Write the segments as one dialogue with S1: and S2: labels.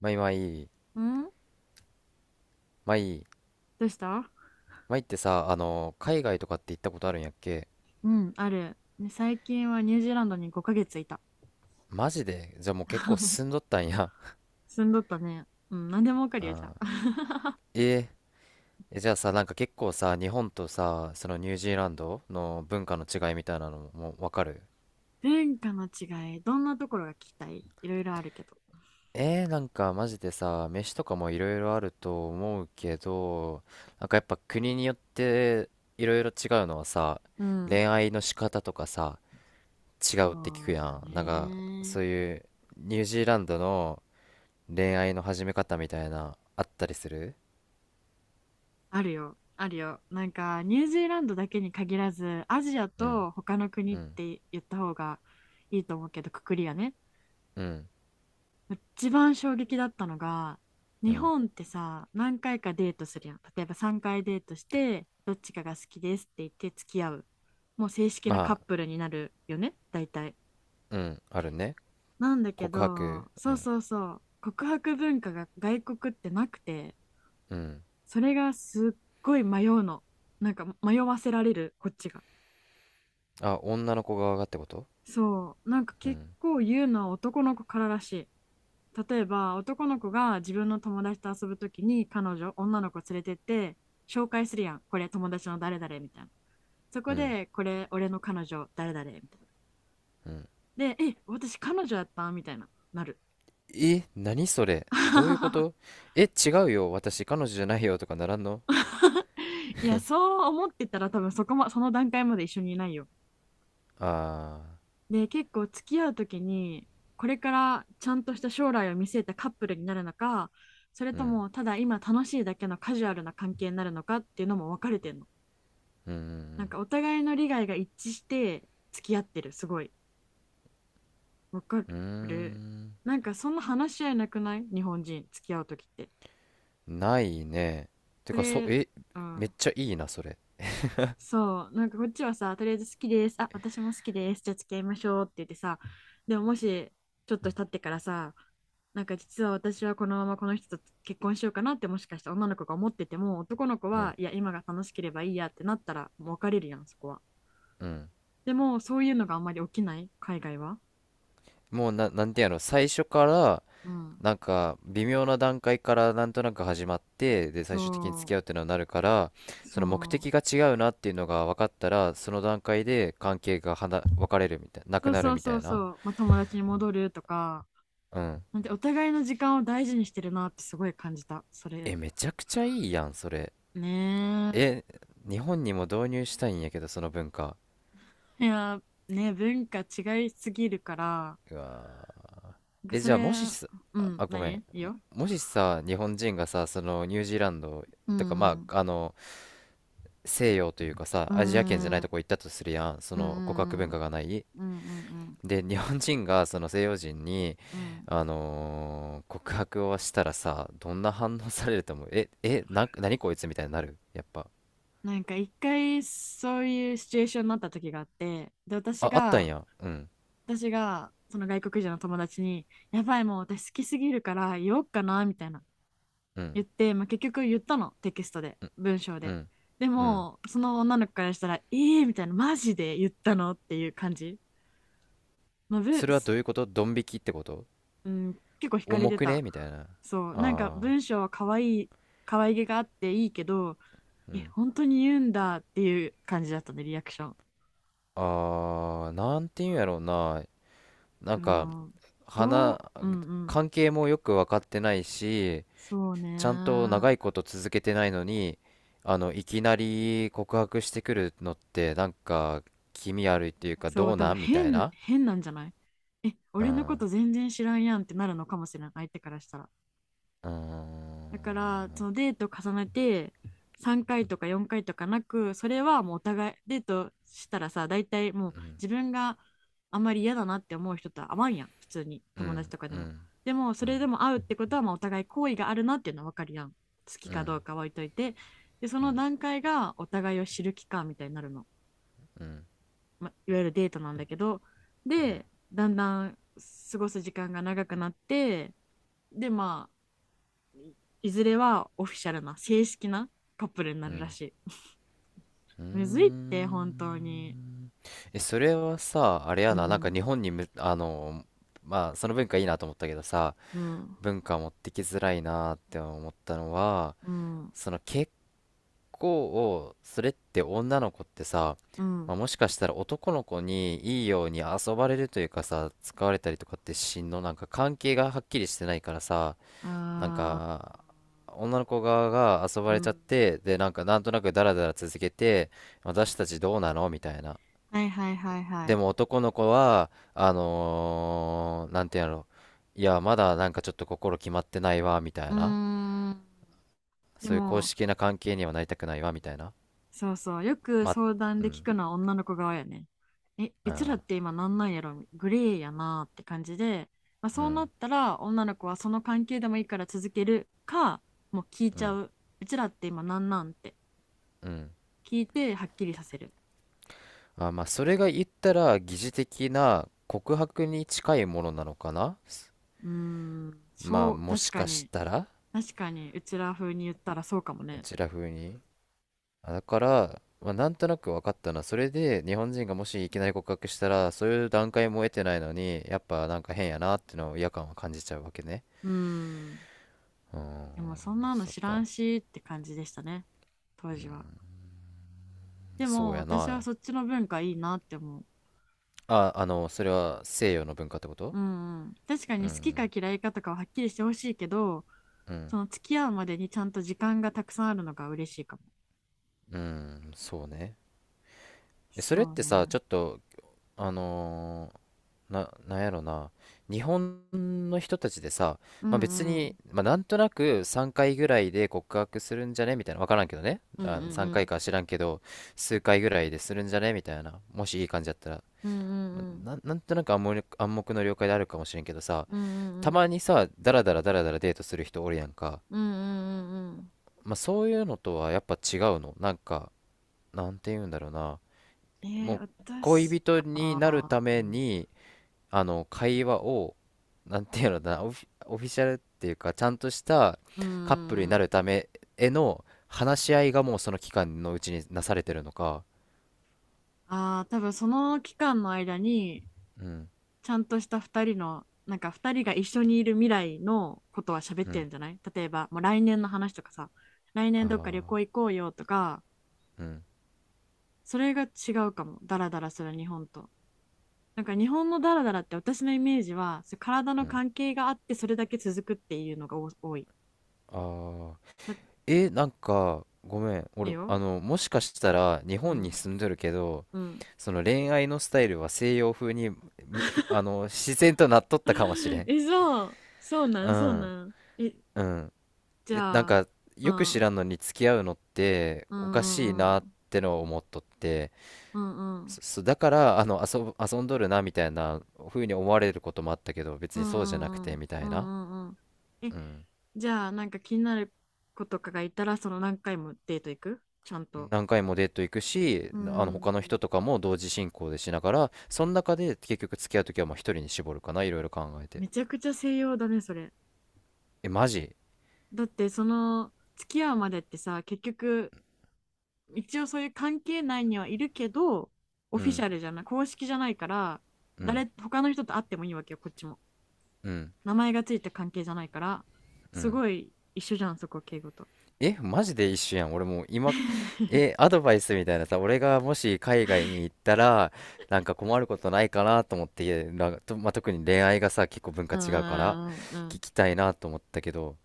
S1: まいまい、
S2: ん。
S1: まい、
S2: どうした？
S1: まいってさ、海外とかって行ったことあるんやっけ？
S2: うん、ある。ね、最近はニュージーランドに5ヶ月いた。
S1: マジでじゃあもう結構進んどったんや。
S2: 住んどったね。うん、何でもわかるよ、じゃあ。
S1: えじゃあさ、なんか結構さ、日本とさ、そのニュージーランドの文化の違いみたいなのももうわかる？
S2: 文化の違い、どんなところが聞きたい？いろいろあるけど。
S1: なんかマジでさ、飯とかもいろいろあると思うけど、なんかやっぱ国によっていろいろ違うのはさ、
S2: うん。
S1: 恋愛の仕方とかさ、違
S2: そ
S1: うって聞く
S2: う
S1: や
S2: だ
S1: ん。なんか、
S2: ね。
S1: そういうニュージーランドの恋愛の始め方みたいなあったりする？
S2: あるよ、あるよ。なんか、ニュージーランドだけに限らず、アジア
S1: うん。
S2: と他の国
S1: う
S2: っ
S1: ん。
S2: て言った方がいいと思うけど、くくりがね。
S1: うん。
S2: 一番衝撃だったのが、
S1: う
S2: 日
S1: ん。
S2: 本ってさ、何回かデートするやん。例えば3回デートして、どっちかが好きですって言って付き合う。もう正式
S1: ま
S2: なカッ
S1: あ。
S2: プルになるよね、大体。
S1: うん。あるね。
S2: なんだけ
S1: 告白。
S2: ど、
S1: う
S2: そう
S1: ん。
S2: そうそう、告白文化が外国ってなくて、
S1: うん。
S2: それがすっごい迷うの。なんか迷わせられる、こっちが。
S1: あ、女の子側がってこと？
S2: そう、なんか
S1: う
S2: 結
S1: ん。
S2: 構言うのは男の子かららしい。例えば男の子が自分の友達と遊ぶときに彼女、女の子連れてって紹介するやん。これ友達の誰々みたいな。そこ
S1: うん。
S2: でこれ俺の彼女誰々みたいな。
S1: うん。
S2: で、え、私彼女やったみたいな。なる。
S1: え、何それ、どういうこ と？え、違うよ、私彼女じゃないよ、とかならんの？
S2: いや、そう思ってたら多分その段階まで一緒にいないよ。
S1: ああ
S2: で、結構付き合うときに、これからちゃんとした将来を見据えたカップルになるのか、それ
S1: ー。う
S2: と
S1: ん。
S2: もただ今楽しいだけのカジュアルな関係になるのかっていうのも分かれてんの。
S1: う
S2: なん
S1: ん。
S2: かお互いの利害が一致して付き合ってる、すごい。分か
S1: うん。うん。
S2: る。
S1: う
S2: なんかそんな話し合いなくない？日本人、付き合うときって。
S1: ーん、ないね。て
S2: そ
S1: か、
S2: れ、う
S1: めっ
S2: ん。
S1: ちゃいいなそれ。
S2: そう、なんかこっちはさ、とりあえず好きです。あ、私も好きです。じゃあ付き合いましょうって言ってさ、でももし、ちょっと経ってからさ、なんか実は私はこのままこの人と結婚しようかなってもしかしたら女の子が思ってても、男の子
S1: う
S2: は、
S1: ん。
S2: いや、今が楽しければいいやってなったら、もう別れるやん、そこは。
S1: うん。
S2: でも、そういうのがあんまり起きない、海外は。
S1: もうなんてやろ、最初から、
S2: うん。
S1: なんか微妙な段階からなんとなく始まって、で最
S2: そ
S1: 終的に付き合うっていうのになるから、
S2: う、
S1: そ
S2: そ
S1: の目的が
S2: う。
S1: 違うなっていうのが分かったらその段階で関係が別れるみたいな、なく
S2: そう
S1: なる
S2: そう
S1: みた
S2: そ
S1: い
S2: う
S1: な。
S2: そう。まあ、友達に戻るとか、
S1: うん。
S2: なんてお互いの時間を大事にしてるなってすごい感じた、それ。
S1: え、めちゃくちゃいいやんそれ。
S2: ね。
S1: え、日本にも導入したいんやけど、その文化。
S2: いや、ね、文化違いすぎるから、
S1: うわー。
S2: なんか
S1: え、
S2: そ
S1: じゃ
S2: れ、
S1: あもしさ、
S2: う
S1: あ
S2: ん、
S1: あ、ごめ
S2: 何？
S1: ん、
S2: いいよ。
S1: もしさ、日本人がさ、そのニュージーランド
S2: うん
S1: とか、ま
S2: うん
S1: あ西洋というかさ、
S2: う
S1: アジア圏じゃない
S2: ん
S1: とこ行ったとするやん、そ
S2: うんう
S1: の告白文化
S2: ん
S1: がない。
S2: うんうんうんうん
S1: で、日本人がその西洋人に、
S2: うん。
S1: 告白をしたらさ、どんな反応されると思う？何こいつみたいになるやっぱ。
S2: なんか一回そういうシチュエーションになった時があって、で、
S1: あ、あったんや。うん、
S2: 私がその外国人の友達に、やばい、もう私好きすぎるから言おうかな、みたいな
S1: うん、
S2: 言って、まあ、結局言ったの、テキストで、文章
S1: う
S2: で。
S1: ん、
S2: で
S1: うん。
S2: も、その女の子からしたら、ええー、みたいな、マジで言ったの？っていう感じ。まあ、
S1: それはどういうこと？ドン引きってこと？
S2: うん、結構惹かれ
S1: 重
S2: て
S1: く
S2: た。
S1: ねみたいな。あ
S2: そう、なんか
S1: あ、
S2: 文章は可愛い、可愛げがあっていいけど、
S1: う
S2: え、
S1: ん。
S2: 本当に言うんだっていう感じだったね、リアクション。
S1: ああ、なんていうんやろうな。なん
S2: う
S1: か、
S2: ん、ど
S1: 花、
S2: う、うんうん。
S1: 関係もよく分かってないし、
S2: そう
S1: ちゃんと
S2: ね。
S1: 長いこと続けてないのに、いきなり告白してくるのって、なんか、気味悪いっていうか、
S2: そ
S1: ど
S2: う、
S1: う
S2: 多
S1: な
S2: 分
S1: んみたい
S2: 変、
S1: な。
S2: 変なんじゃない？え、
S1: うん。
S2: 俺のこ
S1: う
S2: と全然知らんやんってなるのかもしれない、相手からしたら。だか
S1: ん。
S2: らそのデート重ねて3回とか4回とかなく、それはもうお互いデートしたらさ、大体もう
S1: うん。
S2: 自分があんまり嫌だなって思う人と会わんやん、普通に、
S1: う
S2: 友達
S1: ん。
S2: とかで
S1: う
S2: も。
S1: ん。
S2: でもそ
S1: う
S2: れ
S1: ん。
S2: でも会うってことは、まあお互い好意があるなっていうのは分かるやん、好き
S1: う
S2: かど
S1: ん。
S2: うかは置いといて。で、そ
S1: う
S2: の
S1: ん。
S2: 段階がお互いを知る期間みたいになるの、
S1: うん。
S2: まあ、いわゆるデートなんだけど。で、だんだん過ごす時間が長くなって、で、まあ、いずれはオフィシャルな正式なカップルにな
S1: う
S2: るら
S1: ん。
S2: しい。
S1: うー
S2: むずいって本当に。
S1: ん。え、それはさ、あれ
S2: う
S1: やな、なんか
S2: ん
S1: 日本にむ、あの、まあ、その文化いいなと思ったけどさ、
S2: うん
S1: 文化持ってきづらいなって思ったのは、
S2: うん
S1: 結構、それって女の子ってさ、
S2: うん。
S1: まあ、もしかしたら男の子にいいように遊ばれるというかさ、使われたりとかってしんの、なんか関係がはっきりしてないからさ、なん
S2: あ
S1: か、女の子側が遊
S2: ー、
S1: ば
S2: う
S1: れちゃっ
S2: ん。
S1: て、で、なんかなんとなくダラダラ続けて、私たちどうなのみたいな。
S2: はいはいはいは
S1: で
S2: い。
S1: も男の子は、なんていうんやろ、いや、まだなんかちょっと心決まってないわ、みた
S2: う
S1: いな。
S2: ーん。で
S1: そういう公
S2: も
S1: 式な関係にはなりたくないわ、みたいな。
S2: そうそう、よく
S1: ま、
S2: 相談
S1: う
S2: で聞
S1: ん、
S2: くのは女の子側やね。え、
S1: う
S2: うちらっ
S1: ん。
S2: て今なんなんやろ、グレーやなって感じで、まあ、
S1: う
S2: そうなっ
S1: ん。
S2: たら女の子はその関係でもいいから続けるか、もう聞い
S1: う
S2: ちゃ
S1: ん。
S2: う。うちらって今なんなんって
S1: うん。
S2: 聞いてはっきりさせる。
S1: あ、まあ、それが言ったら疑似的な告白に近いものなのかな。
S2: うーん、
S1: ま
S2: そ
S1: あ
S2: う、
S1: も
S2: 確
S1: し
S2: か
S1: かし
S2: に、
S1: たら。
S2: 確かに、うちら風に言ったらそうかも
S1: う
S2: ね。
S1: ちら風に。あ、だから、まあ、なんとなく分かったな。それで日本人がもしいきなり告白したら、そういう段階も得てないのに、やっぱなんか変やなっていうのを、違和感は感じちゃうわけね。
S2: うーん、
S1: うーん。
S2: でもそんなの
S1: そっ
S2: 知らん
S1: か。
S2: しって感じでしたね、当時は。で
S1: そ
S2: も
S1: うや
S2: 私は
S1: な。
S2: そっちの文化いいなって思う。
S1: あ、それは西洋の文化ってこと？
S2: うんうん、確か
S1: う
S2: に好きか
S1: ん。
S2: 嫌いかとかははっきりしてほしいけど、
S1: うん。
S2: その付き合うまでにちゃんと時間がたくさんあるのが嬉しいかも。
S1: うん。そうね。え、それっ
S2: そう
S1: てさ、
S2: ね。
S1: ちょっとあのーなんやろな、日本の人たちでさ、
S2: う
S1: まあ別
S2: んうん。
S1: に、まあなんとなく3回ぐらいで告白するんじゃねみたいな、わからんけどね。
S2: うんう
S1: あ、
S2: ん
S1: 3
S2: う
S1: 回
S2: ん。
S1: かいか知らんけど、数回ぐらいでするんじゃねみたいな、もしいい感じだったら、
S2: うんう
S1: まあ
S2: んうん。
S1: なんとなく暗黙の了解であるかもしれんけどさ、
S2: うんうん
S1: た
S2: うん。
S1: まにさ、ダラダラダラダラデートする人おるやんか、
S2: うんうんうんうん。
S1: まあそういうのとはやっぱ違うの、なんか、なんて言うんだろうな、もう
S2: 私、
S1: 恋人になる
S2: あ
S1: ため
S2: ー、
S1: に、あの会話をなんていうのだな、オフィシャルっていうかちゃんとした
S2: うー
S1: カップルに
S2: ん、
S1: なるためへの話し合いがもうその期間のうちになされてるのか？
S2: あー、多分その期間の間に、
S1: うん。
S2: ちゃんとした2人の、なんか2人が一緒にいる未来のことは喋っ
S1: う
S2: てる
S1: ん。
S2: んじゃない？例えば、もう来年の話とかさ、来
S1: あ
S2: 年どっか旅
S1: あ
S2: 行行こうよとか、
S1: ー。うん。
S2: それが違うかも、ダラダラする日本と。なんか日本のダラダラって私のイメージは、そう、体
S1: う
S2: の
S1: ん。
S2: 関係があってそれだけ続くっていうのが多い。
S1: ああ
S2: だっ
S1: ー。え、なんか、ごめん、
S2: て
S1: 俺
S2: よ。
S1: もしかしたら日
S2: う
S1: 本に
S2: ん。
S1: 住んどるけど、
S2: うん。
S1: その恋愛のスタイルは西洋風にむふあの自然となっとったかもしれ ん。
S2: え、そう。そうな
S1: う
S2: ん、そう
S1: ん。
S2: なん。え、
S1: うん。
S2: じ
S1: え、なん
S2: ゃあ、
S1: か、
S2: う
S1: よく知
S2: ん、
S1: らんのに付き合うのって
S2: う
S1: お
S2: んう
S1: かしい
S2: んう
S1: なっ
S2: ん、
S1: てのを思っとって、
S2: うんうん、
S1: そだから、遊んどるなみたいな風に思われることもあったけど、別
S2: う
S1: にそうじゃなく
S2: んう
S1: て
S2: ん
S1: みた
S2: うん、う
S1: いな。
S2: んうんうん。え、
S1: うん。
S2: じゃあ、なんか気になる子とかがいたら、その何回もデート行く？ちゃんと。
S1: 何回もデート行くし、
S2: うん、
S1: 他の人とかも同時進行でしながら、その中で結局付き合うときはもう一人に絞るかな、いろいろ考えて。
S2: めちゃくちゃ西洋だね、それ。
S1: え、マジ？
S2: だって、その、付き合うまでってさ、結局、一応そういう関係内にはいるけど、オ
S1: う
S2: フィシ
S1: ん、
S2: ャルじゃない、公式じゃないから、
S1: うん、
S2: 他の人と会ってもいいわけよ、こっちも。
S1: うん、
S2: 名前がついた関係じゃないから、
S1: う
S2: す
S1: ん。
S2: ごい一緒じゃん、そこ、敬語と。
S1: え、マジで一緒やん。俺もう今、え、アドバイスみたいなさ、俺がもし海外に行ったら、なんか困ることないかなと思って、なんかと、まあ、特に恋愛がさ、結構文化
S2: う
S1: 違うから、
S2: んうんう
S1: 聞
S2: ん
S1: きたいなと思ったけど、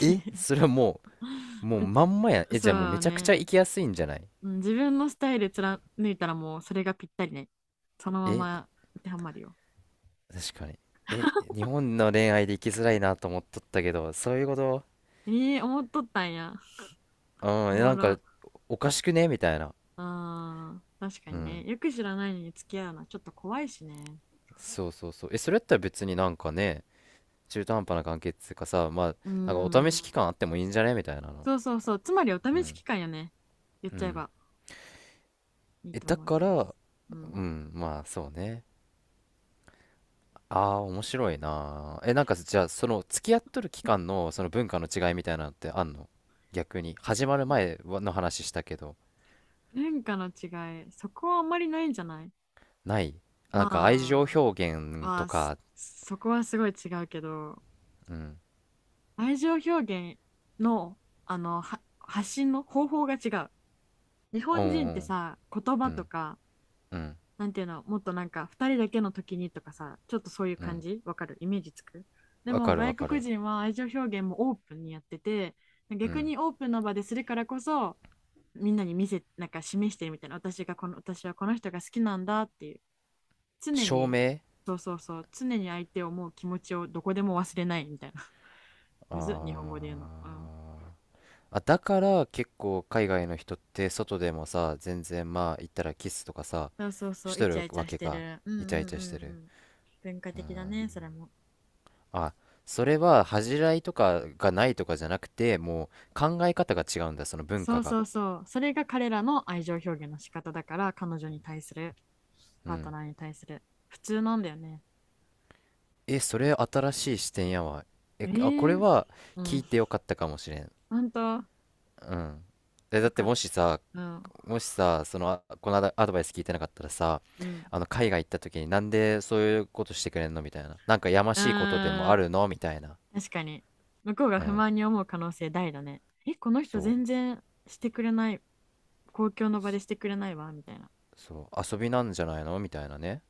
S1: え、それはも
S2: うん。
S1: う、もう まんまやん。え、じゃあもう
S2: そ
S1: め
S2: う
S1: ちゃくち
S2: ね。
S1: ゃ行きやすいんじゃない？
S2: うん、自分のスタイル貫いたらもうそれがぴったりね。そのま
S1: え、
S2: ま当てはまるよ。
S1: 確かに。え、日本の恋愛で行きづらいなと思っとったけど、そういうこと？
S2: ええ、思っとったんや。
S1: う
S2: お
S1: ん。え、
S2: も
S1: なんか、
S2: ろ。
S1: おかしくねみたいな。
S2: うん。確か
S1: う
S2: にね。
S1: ん。
S2: よく知らないのに付き合うのはちょっと怖いしね。
S1: そうそうそう。え、それやったら別になんかね、中途半端な関係っつうかさ、まあ、
S2: う
S1: なんかお試
S2: ん。
S1: し期間あってもいいんじゃねみたいなの。
S2: そうそうそう。つまりお
S1: う
S2: 試し
S1: ん。
S2: 期間よね。言っ
S1: う
S2: ちゃえ
S1: ん。
S2: ばいい
S1: え、
S2: と
S1: だ
S2: 思い
S1: か
S2: ま
S1: ら、
S2: す。うん。
S1: うん、まあ、そうね。ああー、面白いな。え、なんか、じゃあ、付き合っとる期間の、その文化の違いみたいなのってあんの？逆に。
S2: 付
S1: 始ま
S2: き
S1: る
S2: 合う
S1: 前はの話したけど、
S2: 文化の違い。そこはあんまりないんじゃない？
S1: ない？な
S2: ま
S1: んか、愛情表
S2: あ。
S1: 現と
S2: は、
S1: か、
S2: そこはすごい違うけど、
S1: うん。
S2: 愛情表現のは発信の方法が違う。日
S1: う
S2: 本
S1: ん。
S2: 人
S1: う
S2: って
S1: ん。
S2: さ、言
S1: う
S2: 葉と
S1: ん。
S2: か
S1: うん。
S2: なんていうの、もっとなんか2人だけの時にとかさ、ちょっとそういう
S1: う
S2: 感
S1: ん。
S2: じわかる？イメージつく？で
S1: わ
S2: も
S1: かるわ
S2: 外
S1: か
S2: 国
S1: る。
S2: 人は愛情表現もオープンにやってて、
S1: う
S2: 逆
S1: ん。
S2: にオープンの場でするからこそ、みんなに見せ、なんか示してるみたいな、私はこの人が好きなんだっていう、常
S1: 証
S2: に。
S1: 明。
S2: そうそうそう、常に相手を思う気持ちをどこでも忘れないみたいな。
S1: あ
S2: むずっ、日本語
S1: あ
S2: で
S1: ー。
S2: 言うの。うん。
S1: あ、だから結構海外の人って外でもさ、全然まあ言ったらキスとかさ、
S2: そうそうそ
S1: し
S2: う、イ
S1: と
S2: チ
S1: る
S2: ャイチ
S1: わ
S2: ャし
S1: け
S2: て
S1: か。
S2: る。うんう
S1: イ
S2: ん
S1: チャイチ
S2: う
S1: ャして
S2: んう
S1: る。
S2: ん。文化的だね、それも。
S1: あ、それは恥じらいとかがないとかじゃなくて、もう考え方が違うんだ、その文
S2: そ
S1: 化
S2: う
S1: が。
S2: そうそう。それが彼らの愛情表現の仕方だから、彼女に対する、
S1: う
S2: パート
S1: ん。
S2: ナーに対する。普通なんだよね。
S1: え、それ新しい視点やわ。え、あ、こ
S2: え
S1: れ
S2: え。
S1: は
S2: う
S1: 聞
S2: ん。
S1: いてよかったかもしれん。
S2: ほんと、よ
S1: うん。え、だって
S2: かっ
S1: もしさ、
S2: た。うん。
S1: もしさ、その、あ、このアドバイス聞いてなかったらさ、
S2: うん。
S1: 海外行った時になんでそういうことしてくれんのみたいな。なんかやま
S2: う
S1: しいことで
S2: ー
S1: も
S2: ん。
S1: あるのみたいな。
S2: 確かに。向こうが
S1: う
S2: 不
S1: ん。
S2: 満に思う可能性大だね。え、この人
S1: そう。
S2: 全然してくれない。公共の場でしてくれないわ、みたいな。
S1: そう。遊びなんじゃないのみたいなね。